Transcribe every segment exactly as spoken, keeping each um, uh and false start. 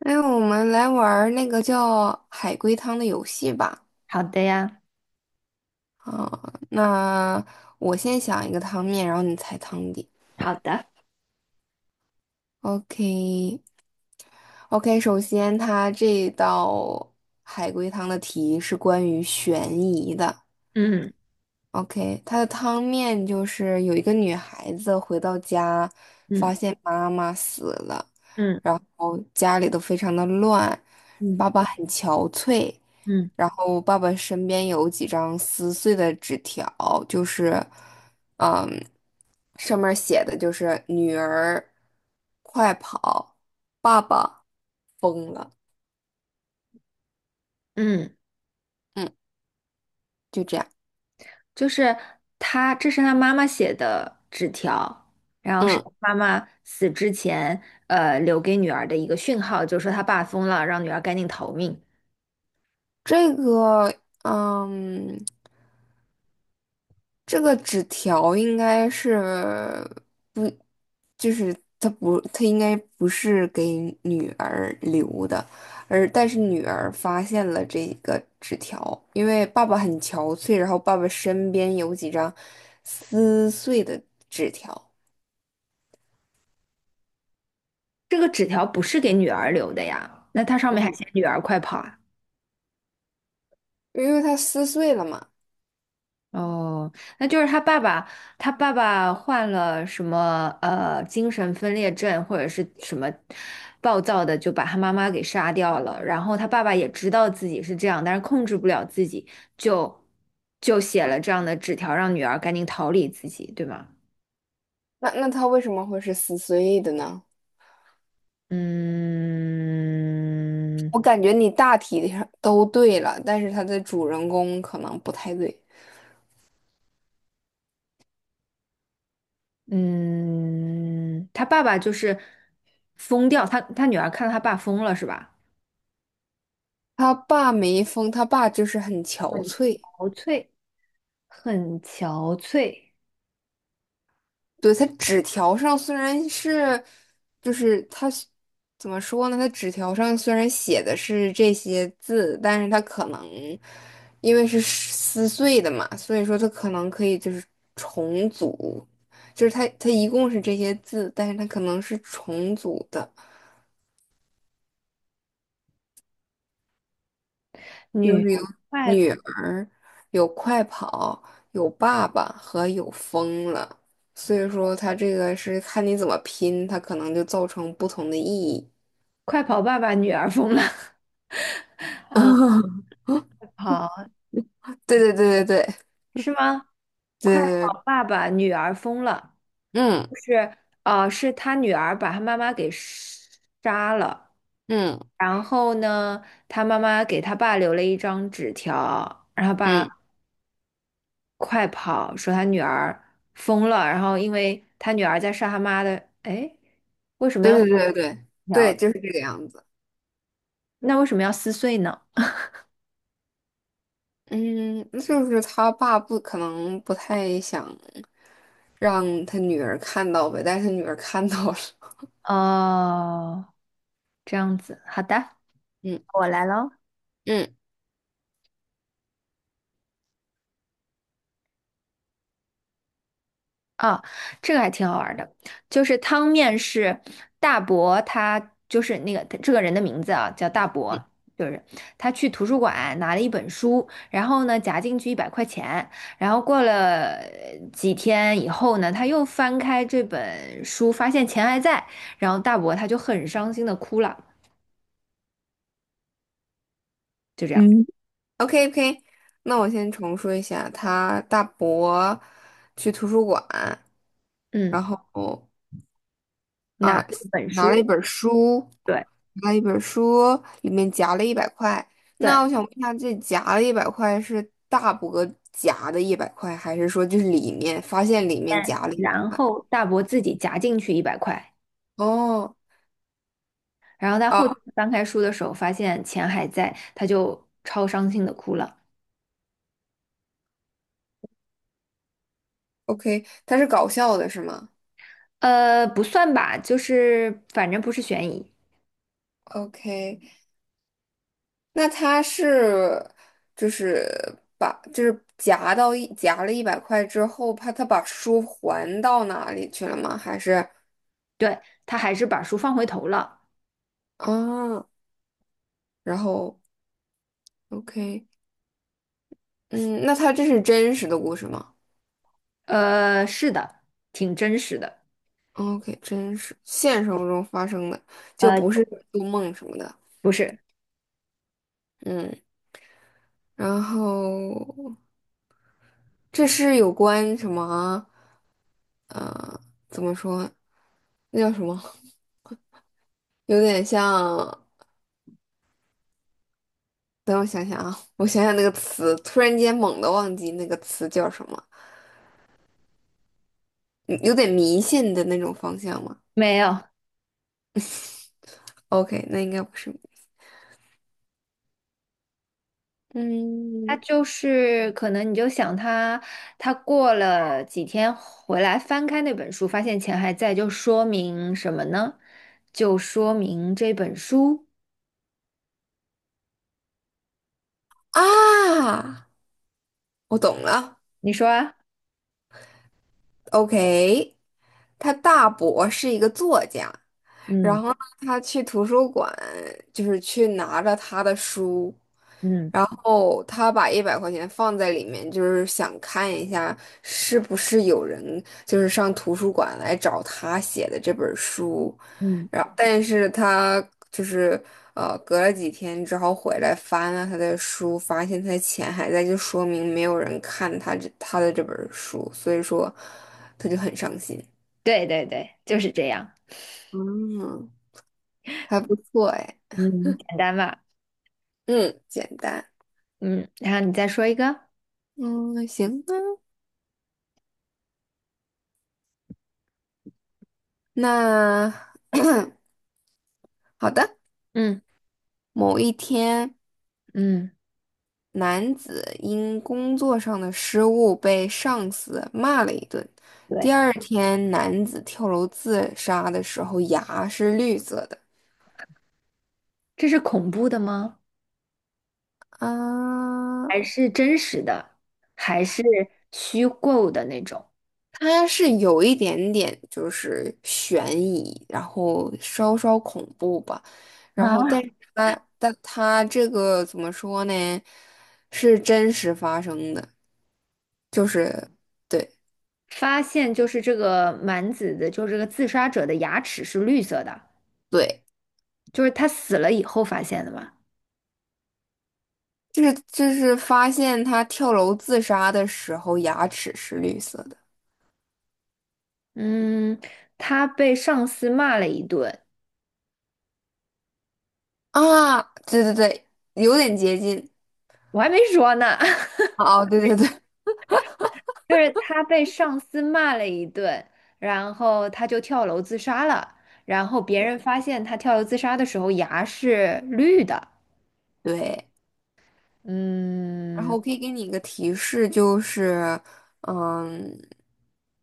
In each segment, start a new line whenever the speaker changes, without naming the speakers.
哎，我们来玩儿那个叫海龟汤的游戏吧。
好的呀。
啊，那我先想一个汤面，然后你猜汤底。
好的。
OK，OK，首先它这道海龟汤的题是关于悬疑的。
嗯
OK，它的汤面就是有一个女孩子回到家，
嗯
发现妈妈死了，
嗯
然后家里都非常的乱，
嗯
爸爸很憔悴。
嗯
然后爸爸身边有几张撕碎的纸条，就是，嗯，上面写的就是"女儿，快跑，爸爸疯了"，
嗯，
嗯，就这样，
就是他，这是他妈妈写的纸条，然后是
嗯，
妈妈死之前，呃，留给女儿的一个讯号，就是说他爸疯了，让女儿赶紧逃命。
这个，嗯，这个纸条应该是。不。就是他不，他应该不是给女儿留的，而但是女儿发现了这个纸条，因为爸爸很憔悴，然后爸爸身边有几张撕碎的纸条，
这个纸条不是给女儿留的呀，那它上面还
嗯，
写女儿快跑啊。
因为他撕碎了嘛。
哦，那就是他爸爸，他爸爸患了什么呃精神分裂症或者是什么暴躁的，就把他妈妈给杀掉了。然后他爸爸也知道自己是这样，但是控制不了自己，就就写了这样的纸条，让女儿赶紧逃离自己，对吗？
那那他为什么会是撕碎的呢？
嗯。
我感觉你大体上都对了，但是他的主人公可能不太对。
嗯，他爸爸就是疯掉，他他女儿看到他爸疯了是吧？
他爸没疯，他爸就是很憔悴。
憔悴，很憔悴。
对，它纸条上虽然是，就是它是怎么说呢？它纸条上虽然写的是这些字，但是它可能因为是撕碎的嘛，所以说它可能可以就是重组，就是它它一共是这些字，但是它可能是重组的，就
女儿
是有
快
女儿，有快跑，有爸爸和有疯了，所以说它这个是看你怎么拼，它可能就造成不同的意义。
快跑爸爸，女儿疯了。
啊，
跑
对对对对
是吗？
对
快
对对，
跑爸爸，女儿疯了，
嗯
就是呃，是他女儿把他妈妈给杀了，
嗯
然后呢，他妈妈给他爸留了一张纸条，让他爸
嗯，
快跑，说他女儿疯了，然后因为他女儿在杀他妈的，哎，为什么要
对对对对对，对，
条？
就是这个样子。
那为什么要撕碎呢？
嗯，那就是他爸不可能不太想让他女儿看到呗，但是他女儿看到了。
哦，这样子，好的，
嗯
我来喽。
嗯
啊，这个还挺好玩儿的，就是汤面是大伯，他就是那个这个人的名字啊，叫大伯，就是他去图书馆拿了一本书，然后呢夹进去一百块钱，然后过了呃几天以后呢，他又翻开这本书，发现钱还在，然后大伯他就很伤心的哭了，就这样。
嗯 o k o k 那我先重说一下，他大伯去图书馆，
嗯，
然后
拿了
啊，
一本
拿
书。
了一本书，
对
拿了一本书，里面夹了一百块。
对，
那我想问一下，这夹了一百块是大伯夹的一百块，还是说就是里面发现里面夹了一
然后大伯自己夹进去一百块。
哦，
然后他后天
啊
翻开书的时候，发现钱还在，他就超伤心的哭了。
，OK，他是搞笑的是吗
呃，不算吧，就是反正不是悬疑。
？OK，那他是就是把就是夹到一夹了一百块之后，怕他把书还到哪里去了吗？还是
对，他还是把书放回头了。
啊，然后 OK。嗯，那它这是真实的故事吗
呃，是的，挺真实的。
哦？OK，真实，现实生活中发生的，就
呃，
不是做梦什么的。
不是。
嗯，然后这是有关什么？呃，怎么说？那叫什么？有点像，等我想想啊，我想想那个词，突然间猛地忘记那个词叫什么，嗯有点迷信的那种方向吗
没有。
？OK，那应该不是。
他
嗯
就是可能你就想他，他过了几天回来翻开那本书，发现钱还在，就说明什么呢？就说明这本书，
啊，我懂了。
你说啊？
OK。他大伯是一个作家，然
嗯。
后呢他去图书馆，就是去拿着他的书，
嗯
然后他把一百块钱放在里面，就是想看一下是不是有人就是上图书馆来找他写的这本书，
嗯。
然后但是他就是呃隔了几天之后回来翻了他的书，发现他的钱还在，就说明没有人看他这他的这本书，所以说他就很伤心。
对对对，就是这样。
嗯，还不错哎，
嗯，简单吧？
嗯，简单，
嗯，然后你再说一个。
嗯，行吧。那好的，
嗯。
某一天，
嗯，
男子因工作上的失误被上司骂了一顿。
对，
第二天，男子跳楼自杀的时候，牙是绿色的。
这是恐怖的吗？
啊，
还是真实的？还是虚构的那种？
它是有一点点就是悬疑，然后稍稍恐怖吧，然后但
啊，
是它但它这个怎么说呢，是真实发生的，就是对
发现就是这个蛮子的，就是这个自杀者的牙齿是绿色的，
对，
就是他死了以后发现的嘛。
就是就是发现他跳楼自杀的时候牙齿是绿色的
嗯，他被上司骂了一顿，
啊，对对对，有点接近，
我还没说呢。
哦，对对对
就是他被上司骂了一顿，然后他就跳楼自杀了。然后别人发现他跳楼自杀的时候牙是绿的。
对。然后
嗯
我可以给你一个提示，就是，嗯，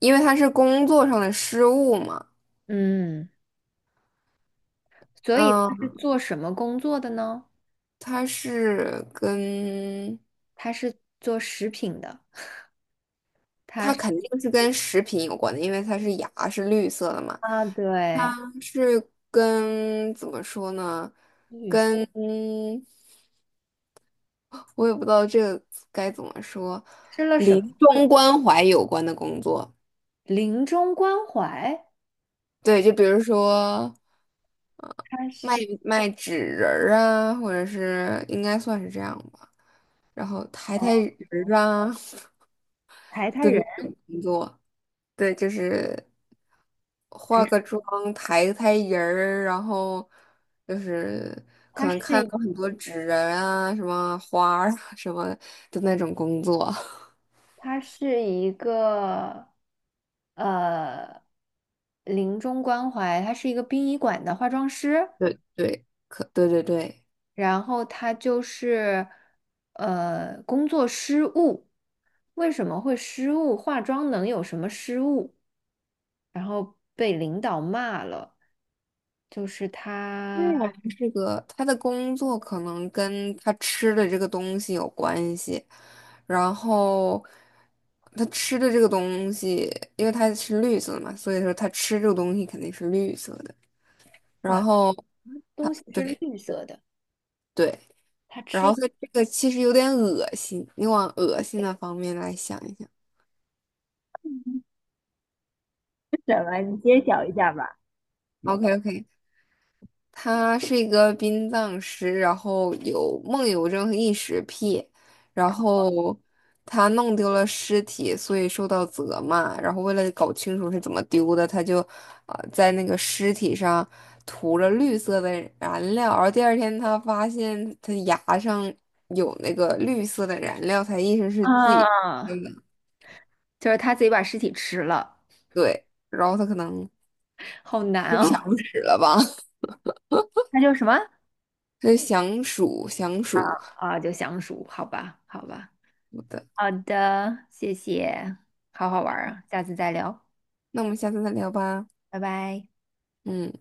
因为它是工作上的失误嘛，
嗯。所以他
嗯，
是做什么工作的呢？
它是跟
他是做食品的，他
它
是
肯定是跟食品有关的，因为它是牙是绿色的嘛，
啊，对，
是跟怎么说呢？
女
跟我也不知道这个该怎么说，
吃了什么
临
会
终关怀有关的工作，
临终关怀？
对，就比如说
他
卖
是
卖纸人儿啊，或者是应该算是这样吧。然后抬
哦，
抬人儿啊
抬台
的那
人
种工作。对，就是
还
化
是
个妆、抬抬人儿，然后就是可
他是？
能看到很多纸人啊、什么花儿啊什么的那种工作。
他是一个呃临终关怀，他是一个殡仪馆的化妆师，
对对，可对对对。
然后他就是呃工作失误，为什么会失误？化妆能有什么失误？然后被领导骂了，就是他
这个他的工作可能跟他吃的这个东西有关系，然后他吃的这个东西，因为他是绿色的嘛，所以说他吃这个东西肯定是绿色的。然
哇，
后
东西是
对
绿色的，
对，
他
然
吃
后
是
它这个其实有点恶心，你往恶心的方面来想一想。
什么？你揭晓一下吧。
OK OK，他是一个殡葬师，然后有梦游症和异食癖，然后他弄丢了尸体，所以受到责骂。然后为了搞清楚是怎么丢的，他就啊、呃在那个尸体上涂了绿色的燃料，然后第二天他发现他牙上有那个绿色的燃料，他意识是自己
啊，
真的
就是他自己把尸体吃了，
对，然后他可能
好难
就想
哦。
死了吧，
他就什么？
这是想鼠想鼠。
啊，就相熟，好吧，好吧，
好的，
好的，谢谢，好好玩儿啊，下次再聊，
那我们下次再聊吧。
拜拜。
嗯，